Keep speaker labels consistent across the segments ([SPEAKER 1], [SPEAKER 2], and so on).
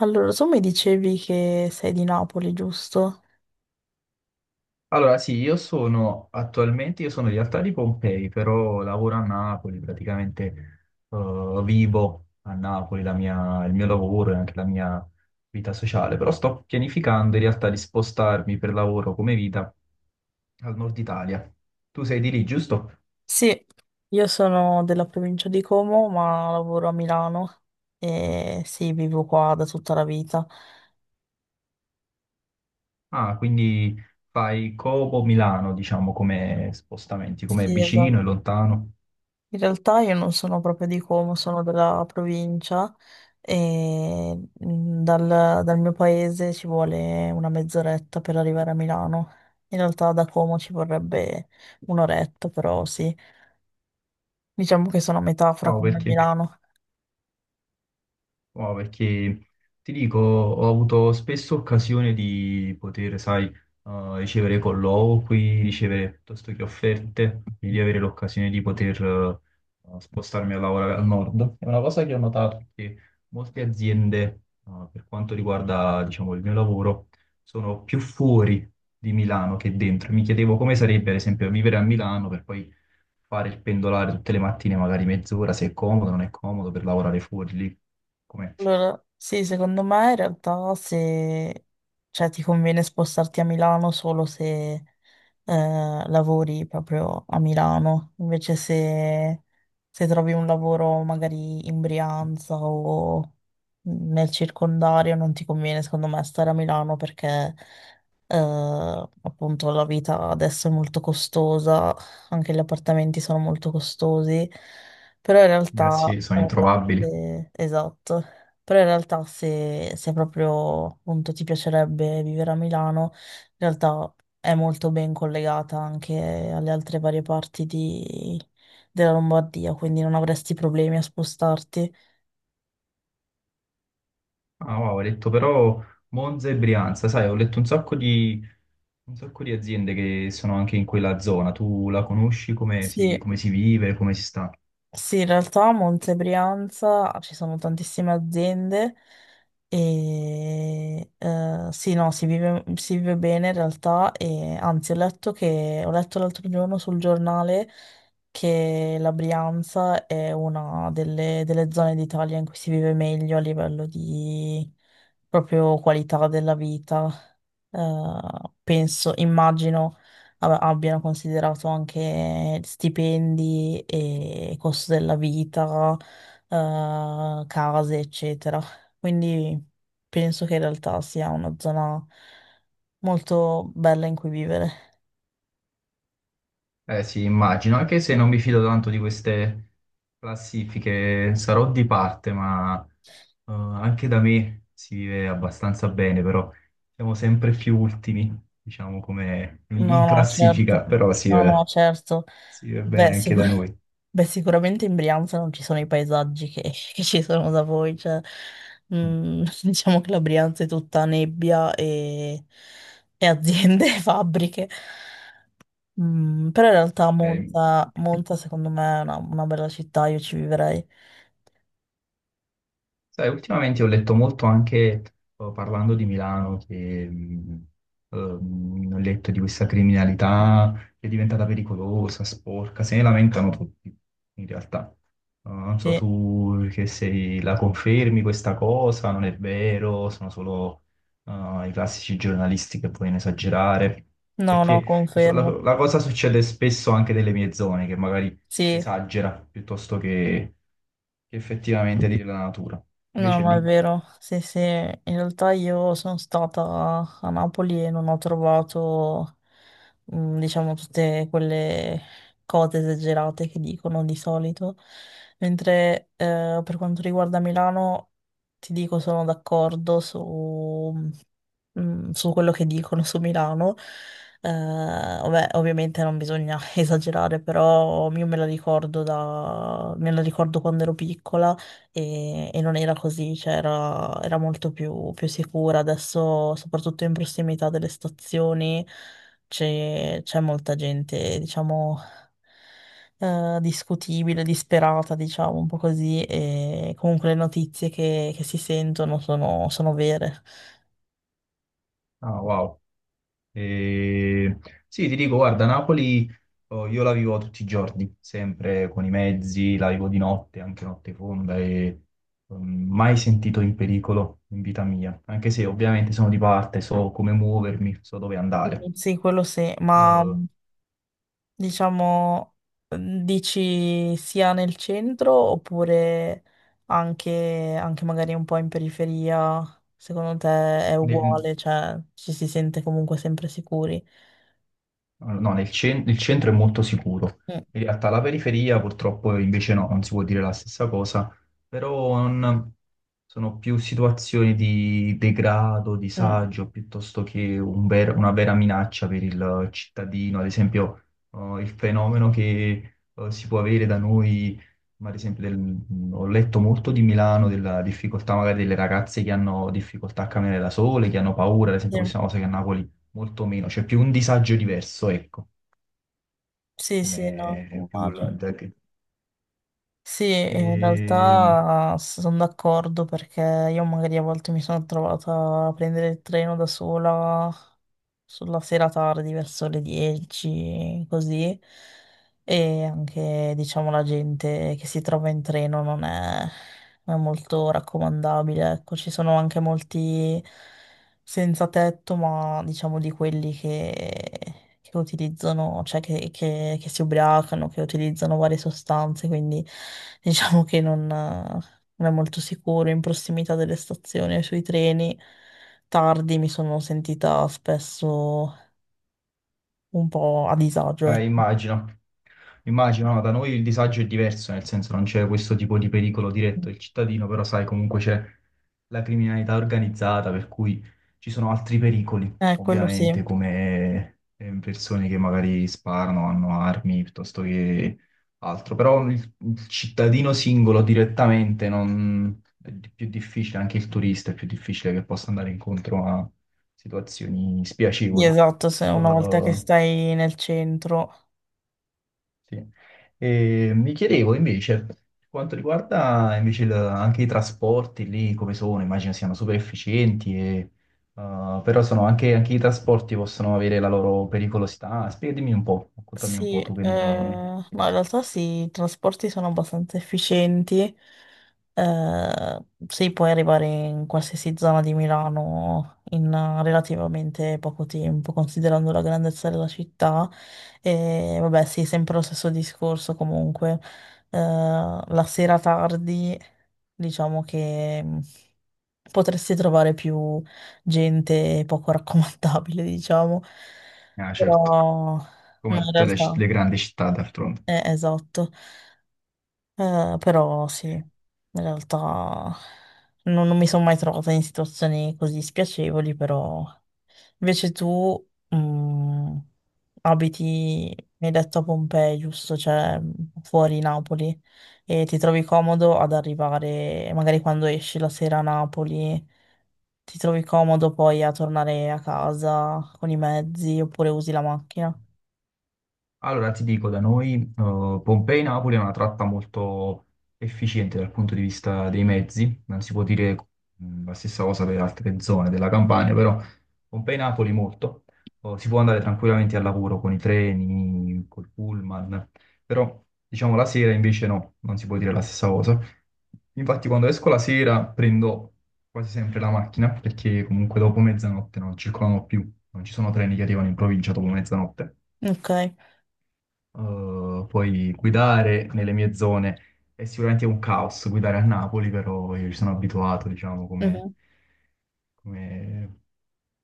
[SPEAKER 1] Allora, tu mi dicevi che sei di Napoli, giusto?
[SPEAKER 2] Allora, sì, io sono attualmente, io sono in realtà di Pompei, però lavoro a Napoli, praticamente vivo a Napoli, il mio lavoro e anche la mia vita sociale, però sto pianificando in realtà di spostarmi per lavoro come vita al nord Italia. Tu sei di lì, giusto?
[SPEAKER 1] Sì, io sono della provincia di Como, ma lavoro a Milano e sì, vivo qua da tutta la vita.
[SPEAKER 2] Ah, quindi fai Como Milano, diciamo, come spostamenti, come
[SPEAKER 1] Sì, esatto.
[SPEAKER 2] vicino e lontano.
[SPEAKER 1] In realtà io non sono proprio di Como, sono della provincia e dal mio paese ci vuole una mezz'oretta per arrivare a Milano. In realtà da Como ci vorrebbe un'oretta, però sì, diciamo che sono a metà fra
[SPEAKER 2] Wow,
[SPEAKER 1] Como e
[SPEAKER 2] perché?
[SPEAKER 1] Milano.
[SPEAKER 2] No, perché ti dico, ho avuto spesso occasione di poter, sai, ricevere colloqui, ricevere piuttosto che offerte, quindi di avere l'occasione di poter, spostarmi a lavorare al nord. È una cosa che ho notato che molte aziende, per quanto riguarda, diciamo, il mio lavoro, sono più fuori di Milano che dentro. Mi chiedevo come sarebbe, per esempio, vivere a Milano per poi fare il pendolare tutte le mattine, magari mezz'ora, se è comodo, non è comodo per lavorare fuori lì. Come?
[SPEAKER 1] Allora, sì, secondo me in realtà se, cioè, ti conviene spostarti a Milano solo se eh, lavori proprio a Milano, invece se trovi un lavoro magari in Brianza o nel circondario non ti conviene secondo me stare a Milano perché appunto la vita adesso è molto costosa, anche gli appartamenti sono molto costosi, però in
[SPEAKER 2] Eh
[SPEAKER 1] realtà...
[SPEAKER 2] sì, sono
[SPEAKER 1] eh,
[SPEAKER 2] introvabili.
[SPEAKER 1] Eh, esatto, però in realtà se proprio appunto ti piacerebbe vivere a Milano, in realtà è molto ben collegata anche alle altre varie parti della Lombardia, quindi non avresti problemi a spostarti.
[SPEAKER 2] Ah, wow, ho letto però Monza e Brianza, sai, ho letto un sacco di aziende che sono anche in quella zona. Tu la conosci,
[SPEAKER 1] Sì.
[SPEAKER 2] come si vive, come si sta?
[SPEAKER 1] Sì, in realtà a Monte Brianza ci sono tantissime aziende e sì, no, si vive bene in realtà e anzi ho letto l'altro giorno sul giornale che la Brianza è una delle zone d'Italia in cui si vive meglio a livello di proprio qualità della vita. Eh, penso, immagino abbiano considerato anche stipendi e costo della vita, case, eccetera. Quindi penso che in realtà sia una zona molto bella in cui vivere.
[SPEAKER 2] Eh sì, immagino, anche se non mi fido tanto di queste classifiche, sarò di parte, ma anche da me si vive abbastanza bene, però siamo sempre più ultimi, diciamo, come in
[SPEAKER 1] No,
[SPEAKER 2] in
[SPEAKER 1] no,
[SPEAKER 2] classifica,
[SPEAKER 1] certo.
[SPEAKER 2] però
[SPEAKER 1] No, no, certo.
[SPEAKER 2] si vive
[SPEAKER 1] Beh,
[SPEAKER 2] bene anche da noi.
[SPEAKER 1] beh, sicuramente in Brianza non ci sono i paesaggi che, che ci sono da voi, cioè, diciamo che la Brianza è tutta nebbia e aziende e fabbriche. Però in realtà
[SPEAKER 2] Eh,
[SPEAKER 1] Monza secondo me è una bella città, io ci vivrei.
[SPEAKER 2] sai, ultimamente ho letto molto anche parlando di Milano, che ho letto di questa criminalità che è diventata pericolosa, sporca, se ne lamentano tutti, in realtà. Non so,
[SPEAKER 1] Sì.
[SPEAKER 2] tu che sei, la confermi questa cosa? Non è vero, sono solo i classici giornalisti che vogliono esagerare.
[SPEAKER 1] No, no,
[SPEAKER 2] Perché
[SPEAKER 1] confermo.
[SPEAKER 2] la cosa succede spesso anche nelle mie zone, che magari si
[SPEAKER 1] Sì,
[SPEAKER 2] esagera piuttosto che effettivamente dire la natura.
[SPEAKER 1] no,
[SPEAKER 2] Invece
[SPEAKER 1] ma è
[SPEAKER 2] lì,
[SPEAKER 1] vero. Sì, sì, in realtà io sono stata a Napoli e non ho trovato diciamo, tutte quelle cose esagerate che dicono di solito. Mentre per quanto riguarda Milano, ti dico, sono d'accordo su quello che dicono su Milano. Vabbè, ovviamente non bisogna esagerare, però io me la ricordo da, me la ricordo quando ero piccola e non era così, cioè era molto più sicura. Adesso, soprattutto in prossimità delle stazioni, c'è molta gente, diciamo, discutibile, disperata, diciamo, un po' così, e comunque le notizie che si sentono sono vere.
[SPEAKER 2] ah, wow. E- Sì, ti dico, guarda, Napoli oh, io la vivo tutti i giorni, sempre con i mezzi, la vivo di notte, anche notte fonda, e mai sentito in pericolo in vita mia, anche se ovviamente sono di parte, so come muovermi, so dove andare.
[SPEAKER 1] Quindi sì, quello sì, ma
[SPEAKER 2] Eh,
[SPEAKER 1] diciamo, mhmm, dici sia nel centro oppure anche magari un po' in periferia? Secondo te è
[SPEAKER 2] ne-
[SPEAKER 1] uguale, cioè ci si sente comunque sempre sicuri?
[SPEAKER 2] Allora, no, il centro è molto sicuro.
[SPEAKER 1] Mm,
[SPEAKER 2] In realtà la periferia purtroppo invece no, non si può dire la stessa cosa, però sono più situazioni di degrado,
[SPEAKER 1] mm,
[SPEAKER 2] disagio, piuttosto che una vera minaccia per il cittadino. Ad esempio, il fenomeno che si può avere da noi, ma ad esempio ho letto molto di Milano, della difficoltà magari delle ragazze che hanno difficoltà a camminare da sole, che hanno paura, ad esempio questa è una cosa che a Napoli molto meno, c'è più un disagio diverso, ecco,
[SPEAKER 1] sì, sì, sì, no,
[SPEAKER 2] come più
[SPEAKER 1] immagino. Sì, in
[SPEAKER 2] Ehm,
[SPEAKER 1] realtà sono d'accordo perché io magari a volte mi sono trovata a prendere il treno da sola sulla sera tardi, verso le 10, così. E anche, diciamo, la gente che si trova in treno non è molto raccomandabile. Ecco, ci sono anche molti senza tetto, ma diciamo di quelli che utilizzano, cioè che si ubriacano, che utilizzano varie sostanze, quindi diciamo che non è molto sicuro in prossimità delle stazioni e sui treni tardi mi sono sentita spesso un po' a disagio.
[SPEAKER 2] eh,
[SPEAKER 1] Ecco.
[SPEAKER 2] immagino, immagino, no, da noi il disagio è diverso, nel senso non c'è questo tipo di pericolo diretto del cittadino, però sai, comunque c'è la criminalità organizzata, per cui ci sono altri pericoli,
[SPEAKER 1] Quello sì.
[SPEAKER 2] ovviamente, come persone che magari sparano, hanno armi, piuttosto che altro, però il cittadino singolo direttamente è più difficile, anche il turista è più difficile che possa andare incontro a situazioni
[SPEAKER 1] Sì,
[SPEAKER 2] spiacevoli.
[SPEAKER 1] esatto, se una volta che
[SPEAKER 2] Eh,
[SPEAKER 1] stai nel centro.
[SPEAKER 2] sì. E mi chiedevo invece, per quanto riguarda invece anche i trasporti lì, come sono, immagino siano super efficienti, e, però sono anche, anche i trasporti possono avere la loro pericolosità. Spiegami un po', raccontami un
[SPEAKER 1] Sì,
[SPEAKER 2] po' tu che ne...
[SPEAKER 1] ma in realtà sì, i trasporti sono abbastanza efficienti, sì, puoi arrivare in qualsiasi zona di Milano in relativamente poco tempo, considerando la grandezza della città, e vabbè sì, sempre lo stesso discorso comunque, la sera tardi diciamo che potresti trovare più gente poco raccomandabile, diciamo.
[SPEAKER 2] Ah, certo,
[SPEAKER 1] Però ma
[SPEAKER 2] come
[SPEAKER 1] in
[SPEAKER 2] tutte le,
[SPEAKER 1] realtà,
[SPEAKER 2] le grandi città d'altronde.
[SPEAKER 1] esatto, eh, però sì, in realtà non mi sono mai trovata in situazioni così spiacevoli, però invece tu mm, abiti, mi hai detto a Pompei, giusto? Cioè fuori Napoli e ti trovi comodo ad arrivare, magari quando esci la sera a Napoli, ti trovi comodo poi a tornare a casa con i mezzi oppure usi la macchina.
[SPEAKER 2] Allora ti dico, da noi Pompei-Napoli è una tratta molto efficiente dal punto di vista dei mezzi, non si può dire la stessa cosa per altre zone della Campania, però Pompei-Napoli molto, oh, si può andare tranquillamente al lavoro con i treni, col pullman, però diciamo la sera invece no, non si può dire la stessa cosa. Infatti quando esco la sera prendo quasi sempre la macchina perché comunque dopo mezzanotte non circolano più, non ci sono treni che arrivano in provincia dopo mezzanotte,
[SPEAKER 1] Ok.
[SPEAKER 2] poi guidare nelle mie zone è sicuramente un caos guidare a Napoli, però io ci sono abituato, diciamo, come...
[SPEAKER 1] Mhm.
[SPEAKER 2] come-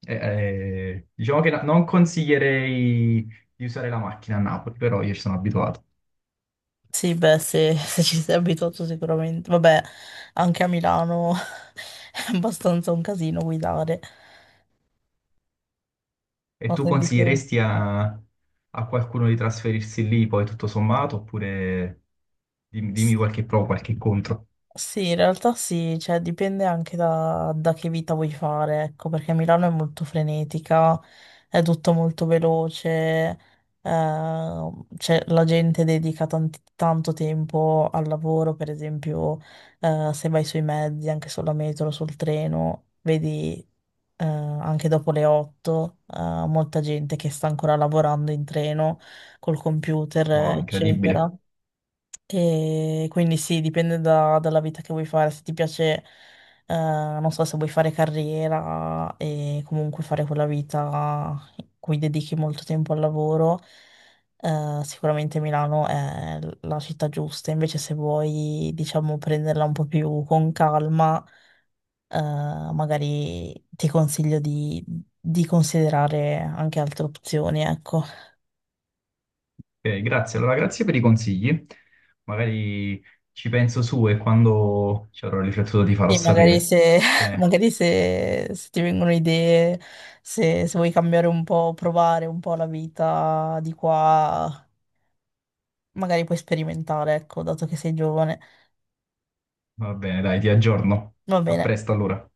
[SPEAKER 2] diciamo che non consiglierei di usare la macchina a Napoli, però io ci sono abituato.
[SPEAKER 1] Sì, beh, se, se ci sei abituato sicuramente. Vabbè, anche a Milano è abbastanza un casino guidare.
[SPEAKER 2] E
[SPEAKER 1] Ho
[SPEAKER 2] tu
[SPEAKER 1] sentito.
[SPEAKER 2] consiglieresti a qualcuno di trasferirsi lì poi tutto sommato, oppure dimmi, qualche pro, qualche contro?
[SPEAKER 1] Sì, in realtà sì, cioè dipende anche da che vita vuoi fare, ecco, perché Milano è molto frenetica, è tutto molto veloce, cioè, la gente dedica tanto tempo al lavoro, per esempio, se vai sui mezzi, anche sulla metro, sul treno, vedi, anche dopo le 8, molta gente che sta ancora lavorando in treno col computer,
[SPEAKER 2] Wow, incredibile.
[SPEAKER 1] eccetera. E quindi sì, dipende dalla vita che vuoi fare. Se ti piace, non so, se vuoi fare carriera e comunque fare quella vita in cui dedichi molto tempo al lavoro, sicuramente Milano è la città giusta. Invece, se vuoi, diciamo, prenderla un po' più con calma, eh, magari ti consiglio di considerare anche altre opzioni, ecco.
[SPEAKER 2] Ok, grazie. Allora, grazie per i consigli. Magari ci penso su e quando ci avrò riflettuto ti farò
[SPEAKER 1] Sì,
[SPEAKER 2] sapere.
[SPEAKER 1] magari se,
[SPEAKER 2] Va bene,
[SPEAKER 1] magari se ti vengono idee, se vuoi cambiare un po', provare un po' la vita di qua, magari puoi sperimentare, ecco, dato che sei giovane.
[SPEAKER 2] va bene, dai, ti aggiorno.
[SPEAKER 1] Va
[SPEAKER 2] A
[SPEAKER 1] bene.
[SPEAKER 2] presto allora.